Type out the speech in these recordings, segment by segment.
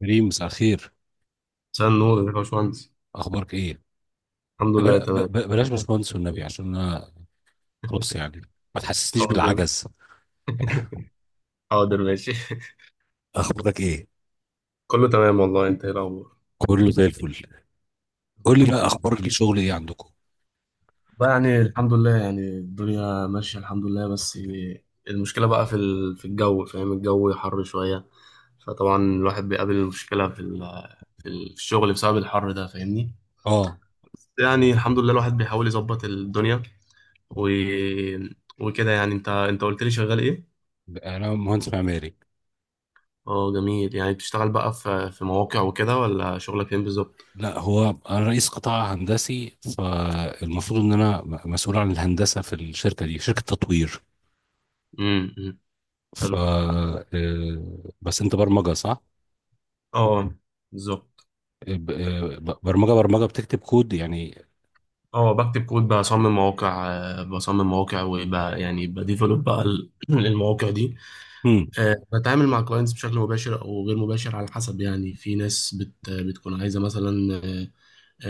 كريم، مساء الخير. مساء النور يا باشمهندس. اخبارك ايه؟ الحمد لله، تمام. بلاش باشمهندس والنبي، عشان انا خلاص يعني ما تحسسنيش حاضر. بالعجز. حاضر، ماشي. اخبارك ايه؟ كله تمام والله، انت ايه الاخبار؟ كله زي الفل. قول لي بقى، اخبار الشغل ايه عندكم؟ بقى يعني الحمد لله، يعني الدنيا ماشية الحمد لله. بس المشكلة بقى في الجو، فاهم؟ الجو حر شوية. فطبعا الواحد بيقابل المشكلة في الشغل بسبب الحر ده، فاهمني؟ اه. يعني الحمد لله الواحد بيحاول يظبط الدنيا و... وكده يعني. انت قلت لي شغال ايه؟ انا مهندس معماري. اه جميل، يعني بتشتغل بقى في مواقع وكده، ولا شغلك فين بالظبط؟ لا، هو انا رئيس قطاع هندسي، فالمفروض ان انا مسؤول عن الهندسه في الشركه دي. شركه تطوير. امم. ف حلو. آه، بس انت برمجه صح؟ اه، بالظبط. برمجه بتكتب كود يعني. اه، بكتب كود، بصمم مواقع، وبقى يعني بديفلوب بقى المواقع دي. امم. بتعامل مع كلاينتس بشكل مباشر او غير مباشر، على حسب. يعني في ناس بتكون عايزه مثلا آه،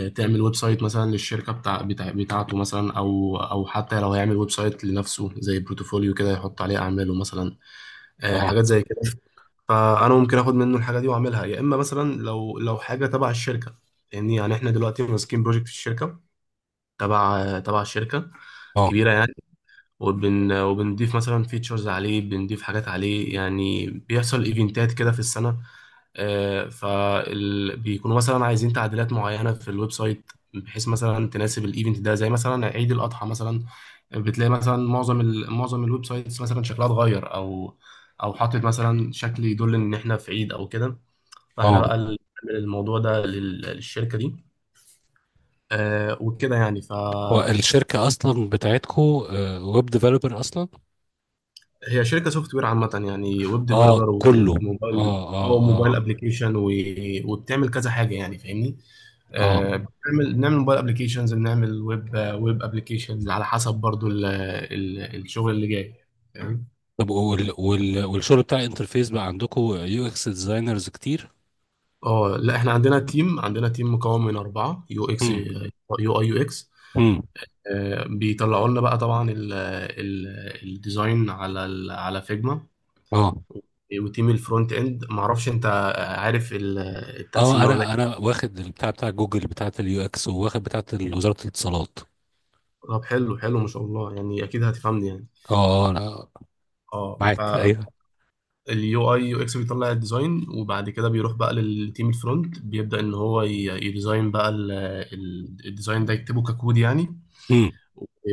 آه، تعمل ويب سايت مثلا للشركه بتاعته مثلا، او او حتى لو هيعمل ويب سايت لنفسه زي بروتوفوليو كده، يحط عليه اعماله مثلا. اه، حاجات زي كده. فانا ممكن اخد منه الحاجه دي واعملها، يا اما مثلا لو حاجه تبع الشركه. يعني احنا دلوقتي ماسكين بروجكت في الشركه، تبع الشركه، اه، كبيره يعني. وبن وبنضيف مثلا فيتشرز عليه، بنضيف حاجات عليه. يعني بيحصل ايفنتات كده في السنة، فبيكونوا مثلا عايزين تعديلات معينة في الويب سايت، بحيث مثلا تناسب الايفنت ده، زي مثلا عيد الأضحى مثلا. بتلاقي مثلا معظم الويب سايتس مثلا شكلها اتغير، او او حاطط مثلا شكل يدل ان احنا في عيد او كده. فاحنا اه. بقى اللي بنعمل الموضوع ده للشركة دي. وكده يعني. هو الشركة أصلا بتاعتكو ويب ديفلوبر أصلا؟ هي شركة سوفت وير عامة، يعني ويب آه، ديفلوبر كله. وموبايل، آه، او آه، آه، موبايل ابلكيشن، وبتعمل كذا حاجة يعني، فاهمني؟ آه. بنعمل بنعمل موبايل ابلكيشنز، بنعمل ويب ويب ابلكيشنز، على حسب برضو ال ال الشغل اللي جاي. فاهم؟ طب والشغل بتاع الانترفيس بقى عندكو يو إكس ديزاينرز كتير؟ اه لا، احنا عندنا تيم، مكون من 4، يو اكس، امم، يو اي، يو اكس، امم. بيطلعوا لنا بقى طبعا الديزاين على فيجما. آه، وتيم الفرونت اند، معرفش انت عارف آه. التقسيمة ولا؟ أنا واخد البتاع بتاع جوجل بتاعة اليو إكس، وواخد بتاعة وزارة الاتصالات. طب حلو، ما شاء الله، يعني اكيد هتفهمني يعني. آه، آه، أنا معاك. اه. أيوه. فاليو اي يو اكس بيطلع الديزاين، وبعد كده بيروح بقى للتيم الفرونت، بيبدأ ان هو يديزاين بقى الديزاين ده، يكتبه ككود يعني. امم.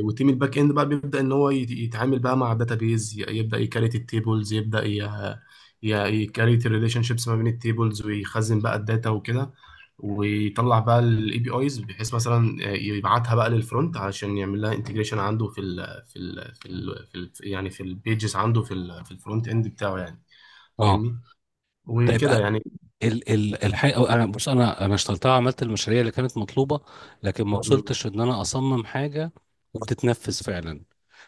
وتيم الباك اند بقى بيبدا ان هو يتعامل بقى مع بيز، يبدا يكريت التيبلز، يبدا يكريت الريليشن شيبس ما بين التيبلز، ويخزن بقى الداتا وكده. ويطلع بقى الاي بي ايز، بحيث مثلا يبعتها بقى للفرونت علشان يعمل لها انتجريشن عنده في ال في ال في, ال في ال يعني في البيجز عنده في الفرونت اند بتاعه يعني، آه. فاهمني؟ طيب. وكده آه، يعني. ال ال الحقيقة، أنا بص، أنا اشتغلتها وعملت المشاريع اللي كانت مطلوبة، لكن ما مم. وصلتش إن أنا أصمم حاجة وبتتنفذ فعلا.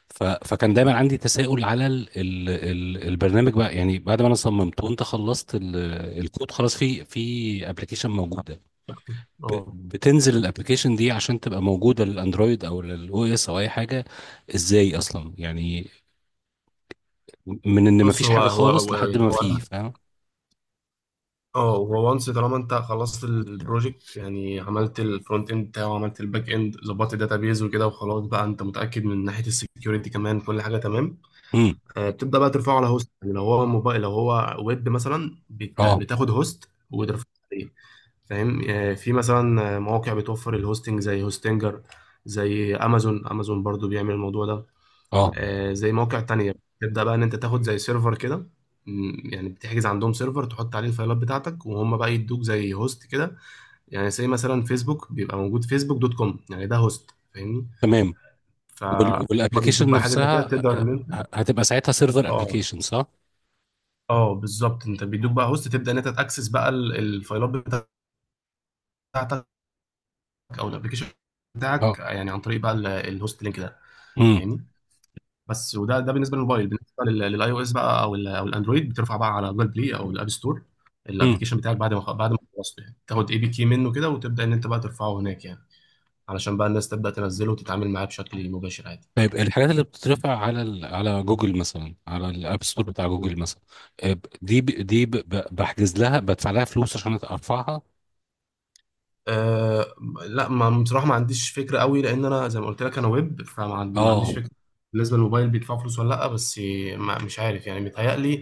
ف... فكان دايما عندي تساؤل على البرنامج بقى. يعني بعد ما انا صممته وانت خلصت الكود، خلاص، في ابلكيشن موجوده. اه بتنزل الابلكيشن دي عشان تبقى موجوده للاندرويد او للاو اس او اي حاجه. ازاي اصلا يعني؟ من ان بص، مفيش حاجه خالص لحد ما في، هو, فاهم. اه هو وانس، طالما انت خلصت البروجكت يعني، عملت الفرونت اند بتاعه، وعملت الباك اند، ظبطت الداتابيز وكده، وخلاص بقى انت متاكد من ناحيه السكيورتي كمان، كل حاجه تمام، امم. بتبدا بقى ترفعه على هوست. يعني لو هو موبايل لو هو ويب مثلا، اه، بتاخد هوست وترفعه عليه، فاهم؟ في مثلا مواقع بتوفر الهوستنج زي هوستنجر، زي امازون، امازون برضو بيعمل الموضوع ده، اه. زي مواقع تانية. تبدأ بقى إن أنت تاخد زي سيرفر كده. يعني بتحجز عندهم سيرفر، تحط عليه الفايلات بتاعتك، وهم بقى يدوك زي هوست كده، يعني زي مثلا فيسبوك بيبقى موجود، فيسبوك دوت كوم يعني، ده هوست، فاهمني؟ تمام. فهم. بيدوك والابلكيشن بقى حاجة زي كده نفسها، تقدر آه، إن أنت. هتبقى ساعتها سيرفر اه ابلكيشن صح؟ اه بالظبط، انت بيدوك بقى هوست، تبدأ ان انت تاكسس بقى الفايلات بتاعتك او الابلكيشن اه. بتاعك، يعني عن طريق بقى الهوست لينك ده، فاهمني؟ بس وده ده بالنسبه للموبايل. بالنسبه للاي او اس بقى، او الاندرويد، بترفع بقى على جوجل بلاي او الاب ستور. امم. الابلكيشن بتاعك بعد ما خلصته يعني، تاخد اي بي كي منه كده، وتبدا ان انت بقى ترفعه هناك يعني، علشان بقى الناس تبدا تنزله وتتعامل معاه بشكل مباشر عادي. طيب، الحاجات اللي بتترفع على على جوجل مثلا، على الاب ستور بتاع جوجل مثلا، آه، ب- دي ب... دي ب... ب- بحجز لها، بدفع لها فلوس عشان ارفعها. أه. لا، ما بصراحه ما عنديش فكره قوي، لان انا زي ما قلت لك انا ويب، ما عنديش اه. فكره بالنسبه للموبايل، بيدفع فلوس ولا لا. بس ما مش عارف يعني، متهيألي،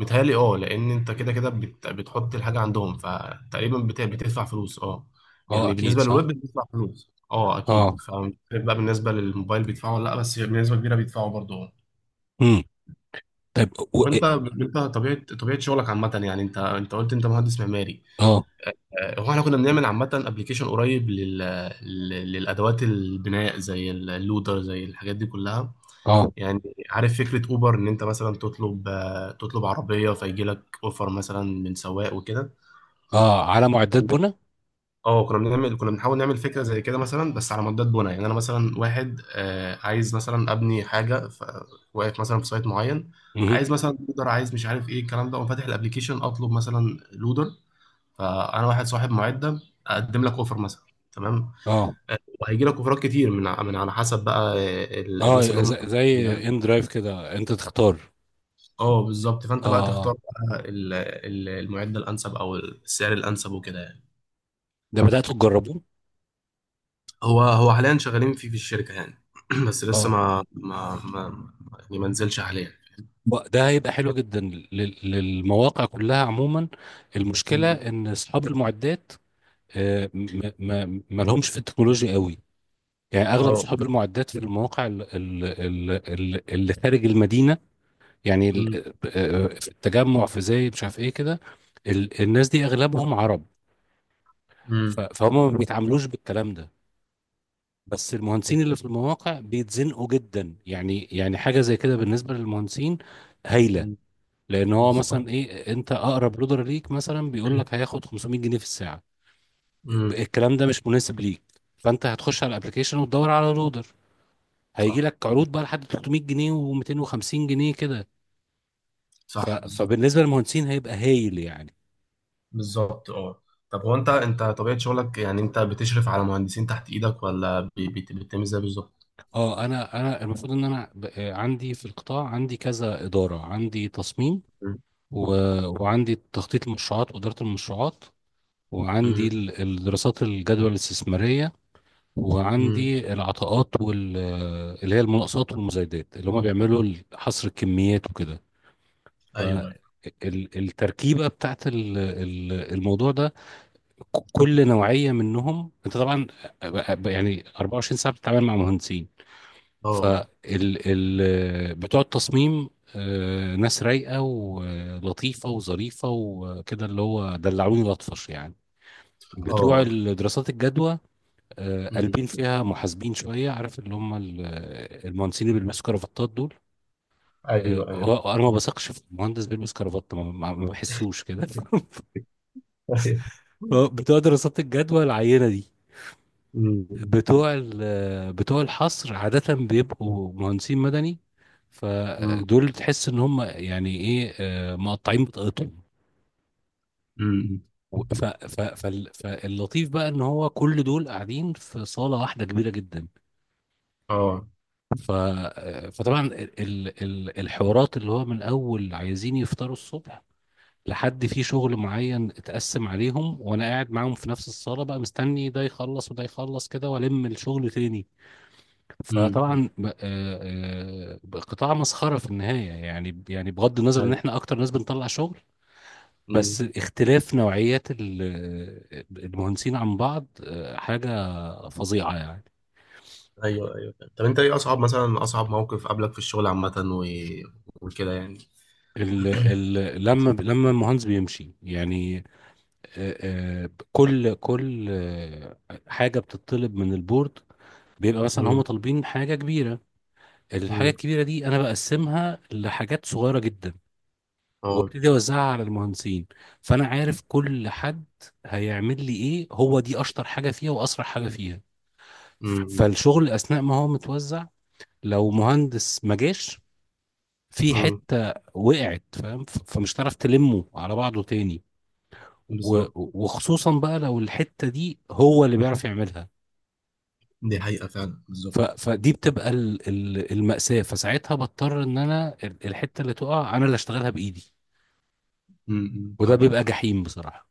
اه، لان انت كده كده بتحط الحاجه عندهم، فتقريبا بتدفع فلوس، اه. اه، يعني اكيد بالنسبه للويب صح. بتدفع فلوس اه اكيد، اه. فمش عارف بقى بالنسبه للموبايل بيدفعوا ولا لا، بس بنسبه كبيره بيدفعوا برضه، اه. امم. طيب. وانت انت طبيعه، شغلك عامه يعني، انت قلت انت مهندس معماري. اه، هو احنا كنا بنعمل عامة ابلكيشن قريب للأدوات البناء، زي اللودر، زي الحاجات دي كلها اه، يعني. عارف فكرة أوبر، إن أنت مثلا تطلب عربية، فيجي لك أوفر مثلا من سواق وكده. اه، آه، على معدات بنا. اه كنا بنعمل، كنا بنحاول نعمل فكرة زي كده مثلا، بس على مدات بناء. يعني أنا مثلا واحد عايز مثلا أبني حاجة، واقف مثلا في سايت معين، مهم. عايز مثلا لودر، عايز مش عارف إيه الكلام ده، وأقوم فاتح الأبلكيشن أطلب مثلا لودر، فأنا واحد صاحب معدة، أقدم لك أوفر مثلا، تمام. اه، وهيجي لك اوفرات كتير من على حسب بقى الناس اللي اه، هم زي المعد. ان درايف كده، انت تختار. اه بالظبط، اه، فانت بقى تختار اه. بقى المعد الانسب او السعر الانسب وكده يعني. ده بدأتوا تجربوه؟ هو حاليا شغالين فيه في الشركه يعني، بس لسه اه. ما يعني ما نزلش حاليا. ده هيبقى حلو جدا للمواقع كلها عموما. المشكلة مم. ان اصحاب المعدات، ما لهمش في التكنولوجيا قوي. يعني اغلب اه. صحاب المعدات في المواقع اللي خارج المدينه، يعني مم. في التجمع، في زايد، مش عارف ايه كده. الناس دي اغلبهم عرب. مم. فهم ما بيتعاملوش بالكلام ده. بس أيوة. المهندسين اللي في المواقع بيتزنقوا جدا. يعني حاجه زي كده بالنسبه للمهندسين هايله. مم. لان هو بالظبط. مثلا، ايه، انت اقرب لودر ليك مثلا، بيقول لك هياخد 500 جنيه في الساعه. مم. الكلام ده مش مناسب ليك. فانت هتخش على الابلكيشن وتدور على لودر. هيجي صح، لك عروض بقى لحد 300 جنيه و250 جنيه كده. صح بالظبط، فبالنسبه للمهندسين هيبقى هايل يعني. بالظبط اه. طب هو انت طبيعه شغلك، يعني انت بتشرف على مهندسين تحت ايدك، ولا بتعمل ازاي بالظبط؟ اه. انا المفروض ان انا، عندي في القطاع عندي كذا اداره، عندي تصميم، و... وعندي تخطيط المشروعات واداره المشروعات، وعندي مم. الدراسات الجدوى الاستثماريه، امم. وعندي العطاءات وال... آه، اللي هي المناقصات والمزايدات اللي هم بيعملوا حصر الكميات وكده. ايوه ايوه. فالتركيبة بتاعت الموضوع ده، كل نوعية منهم انت طبعا يعني 24 ساعة بتتعامل مع مهندسين. فال اه. ال بتوع التصميم، ناس رايقة ولطيفة وظريفة وكده، اللي هو دلعوني لطفش يعني. بتوع اه. الدراسات الجدوى، امم. قلبين فيها، محاسبين شوية، عارف اللي هم المهندسين اللي بيلبسوا كرافتات دول. ايوه ايوه. انا ما بثقش في مهندس بيلبس كرافات، ما بحسوش كده. ايوه. بتوع دراسات الجدوى العينة دي، امم. بتوع الحصر عادة بيبقوا مهندسين مدني. امم. فدول تحس ان هم يعني ايه، مقطعين بطاقتهم. امم. فاللطيف بقى ان هو كل دول قاعدين في صالة واحدة كبيرة جدا. اه. ف فطبعا الحوارات اللي هو، من اول عايزين يفطروا الصبح، لحد في شغل معين اتقسم عليهم، وانا قاعد معاهم في نفس الصالة بقى، مستني ده يخلص وده يخلص كده، والم الشغل تاني. فطبعا، امم. قطاع مسخره في النهايه يعني. بغض النظر ان ايوه. احنا اكتر ناس بنطلع شغل، بس امم. اختلاف نوعيات المهندسين عن بعض حاجه فظيعه يعني. ايوه ايوه. طب انت ايه اصعب مثلا، اصعب موقف قابلك في الشغل عامة وكده يعني. ال ال لما المهندس بيمشي يعني، آه، كل حاجه بتطلب من البورد، بيبقى مثلا هم امم. طالبين حاجه كبيره، الحاجه امم. الكبيره دي انا بقسمها لحاجات صغيره جدا، اه. وابتدي اوزعها على المهندسين. فانا عارف كل حد هيعمل لي ايه، هو دي اشطر حاجه فيها واسرع حاجه فيها. امم. فالشغل اثناء ما هو متوزع، لو مهندس ما جاش، في امم. حته وقعت، فاهم، فمش هتعرف تلمه على بعضه تاني. و- بالظبط، وخصوصا بقى لو الحته دي هو اللي بيعرف يعملها. دي حقيقة فعلا. بالظبط. فدي بتبقى المأساة. فساعتها بضطر ان انا الحتة اللي تقع انا اللي اشتغلها بايدي، امم. وده فاهم. بيبقى جحيم بصراحة.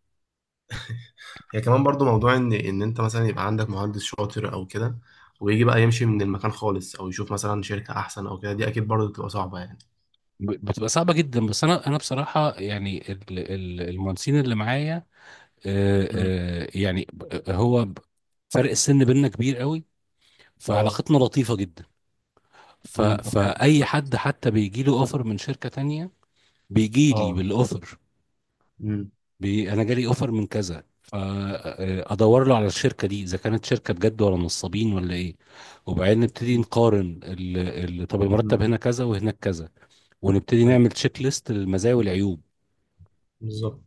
هي كمان برضو موضوع ان ان انت مثلا يبقى عندك مهندس شاطر او كده، ويجي بقى يمشي من المكان خالص، او يشوف مثلا شركة احسن او كده، دي اكيد برضو بتبقى صعبة يعني. بتبقى صعبة جدا، بس أنا بصراحة يعني المهندسين اللي معايا، مم. يعني فرق السن بيننا كبير قوي، اه. فعلاقتنا لطيفة جدا. امم. طب حلو. فأي طيب. حد حتى بيجي له أوفر من شركة تانية بيجي لي اه. بالأوفر. امم. أنا جالي أوفر من كذا، فأدور له على الشركة دي، إذا كانت شركة بجد ولا نصابين ولا إيه. وبعدين نبتدي امم. نقارن طب المرتب أمم. هنا كذا وهناك كذا، ونبتدي طيب. نعمل تشيك ليست للمزايا والعيوب، بالظبط.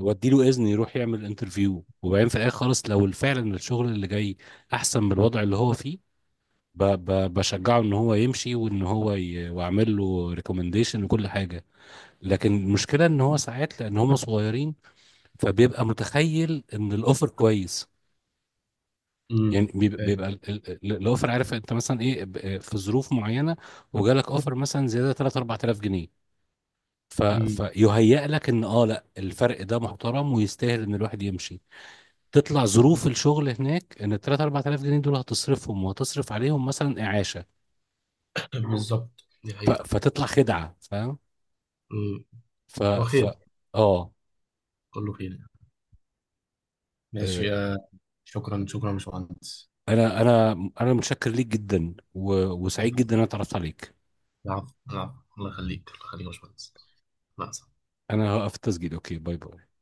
واديله اذن يروح يعمل انترفيو، وبعدين في الاخر خالص لو فعلا الشغل اللي جاي احسن من الوضع اللي هو فيه، ب ب بشجعه ان هو يمشي وان واعمل له ريكومنديشن وكل حاجه. لكن المشكله ان هو ساعات، لان هم صغيرين، فبيبقى متخيل ان الاوفر كويس. يعني امم. فاهم. بيبقى الاوفر، عارف انت مثلا ايه، في ظروف معينه، وجالك اوفر مثلا زياده 3 4000 جنيه. امم. فيهيأ لك ان، اه، لا، الفرق ده محترم ويستاهل ان الواحد يمشي. تطلع ظروف الشغل هناك ان ال 3 4000 جنيه دول هتصرفهم وهتصرف عليهم مثلا اعاشه. بالظبط. دي حقيقة. فتطلع خدعه، فاهم. امم. ف هو ف خير. اه. كله خير يعني. آه، ماشي. شكرا، شكرا يا باشمهندس. انا انا انا متشكر ليك جدا، وسعيد جدا ان انا اتعرفت عليك. العفو، العفو، الله يخليك، الله يخليك يا باشمهندس. مع السلامة. انا هقف التسجيل. اوكي. باي باي.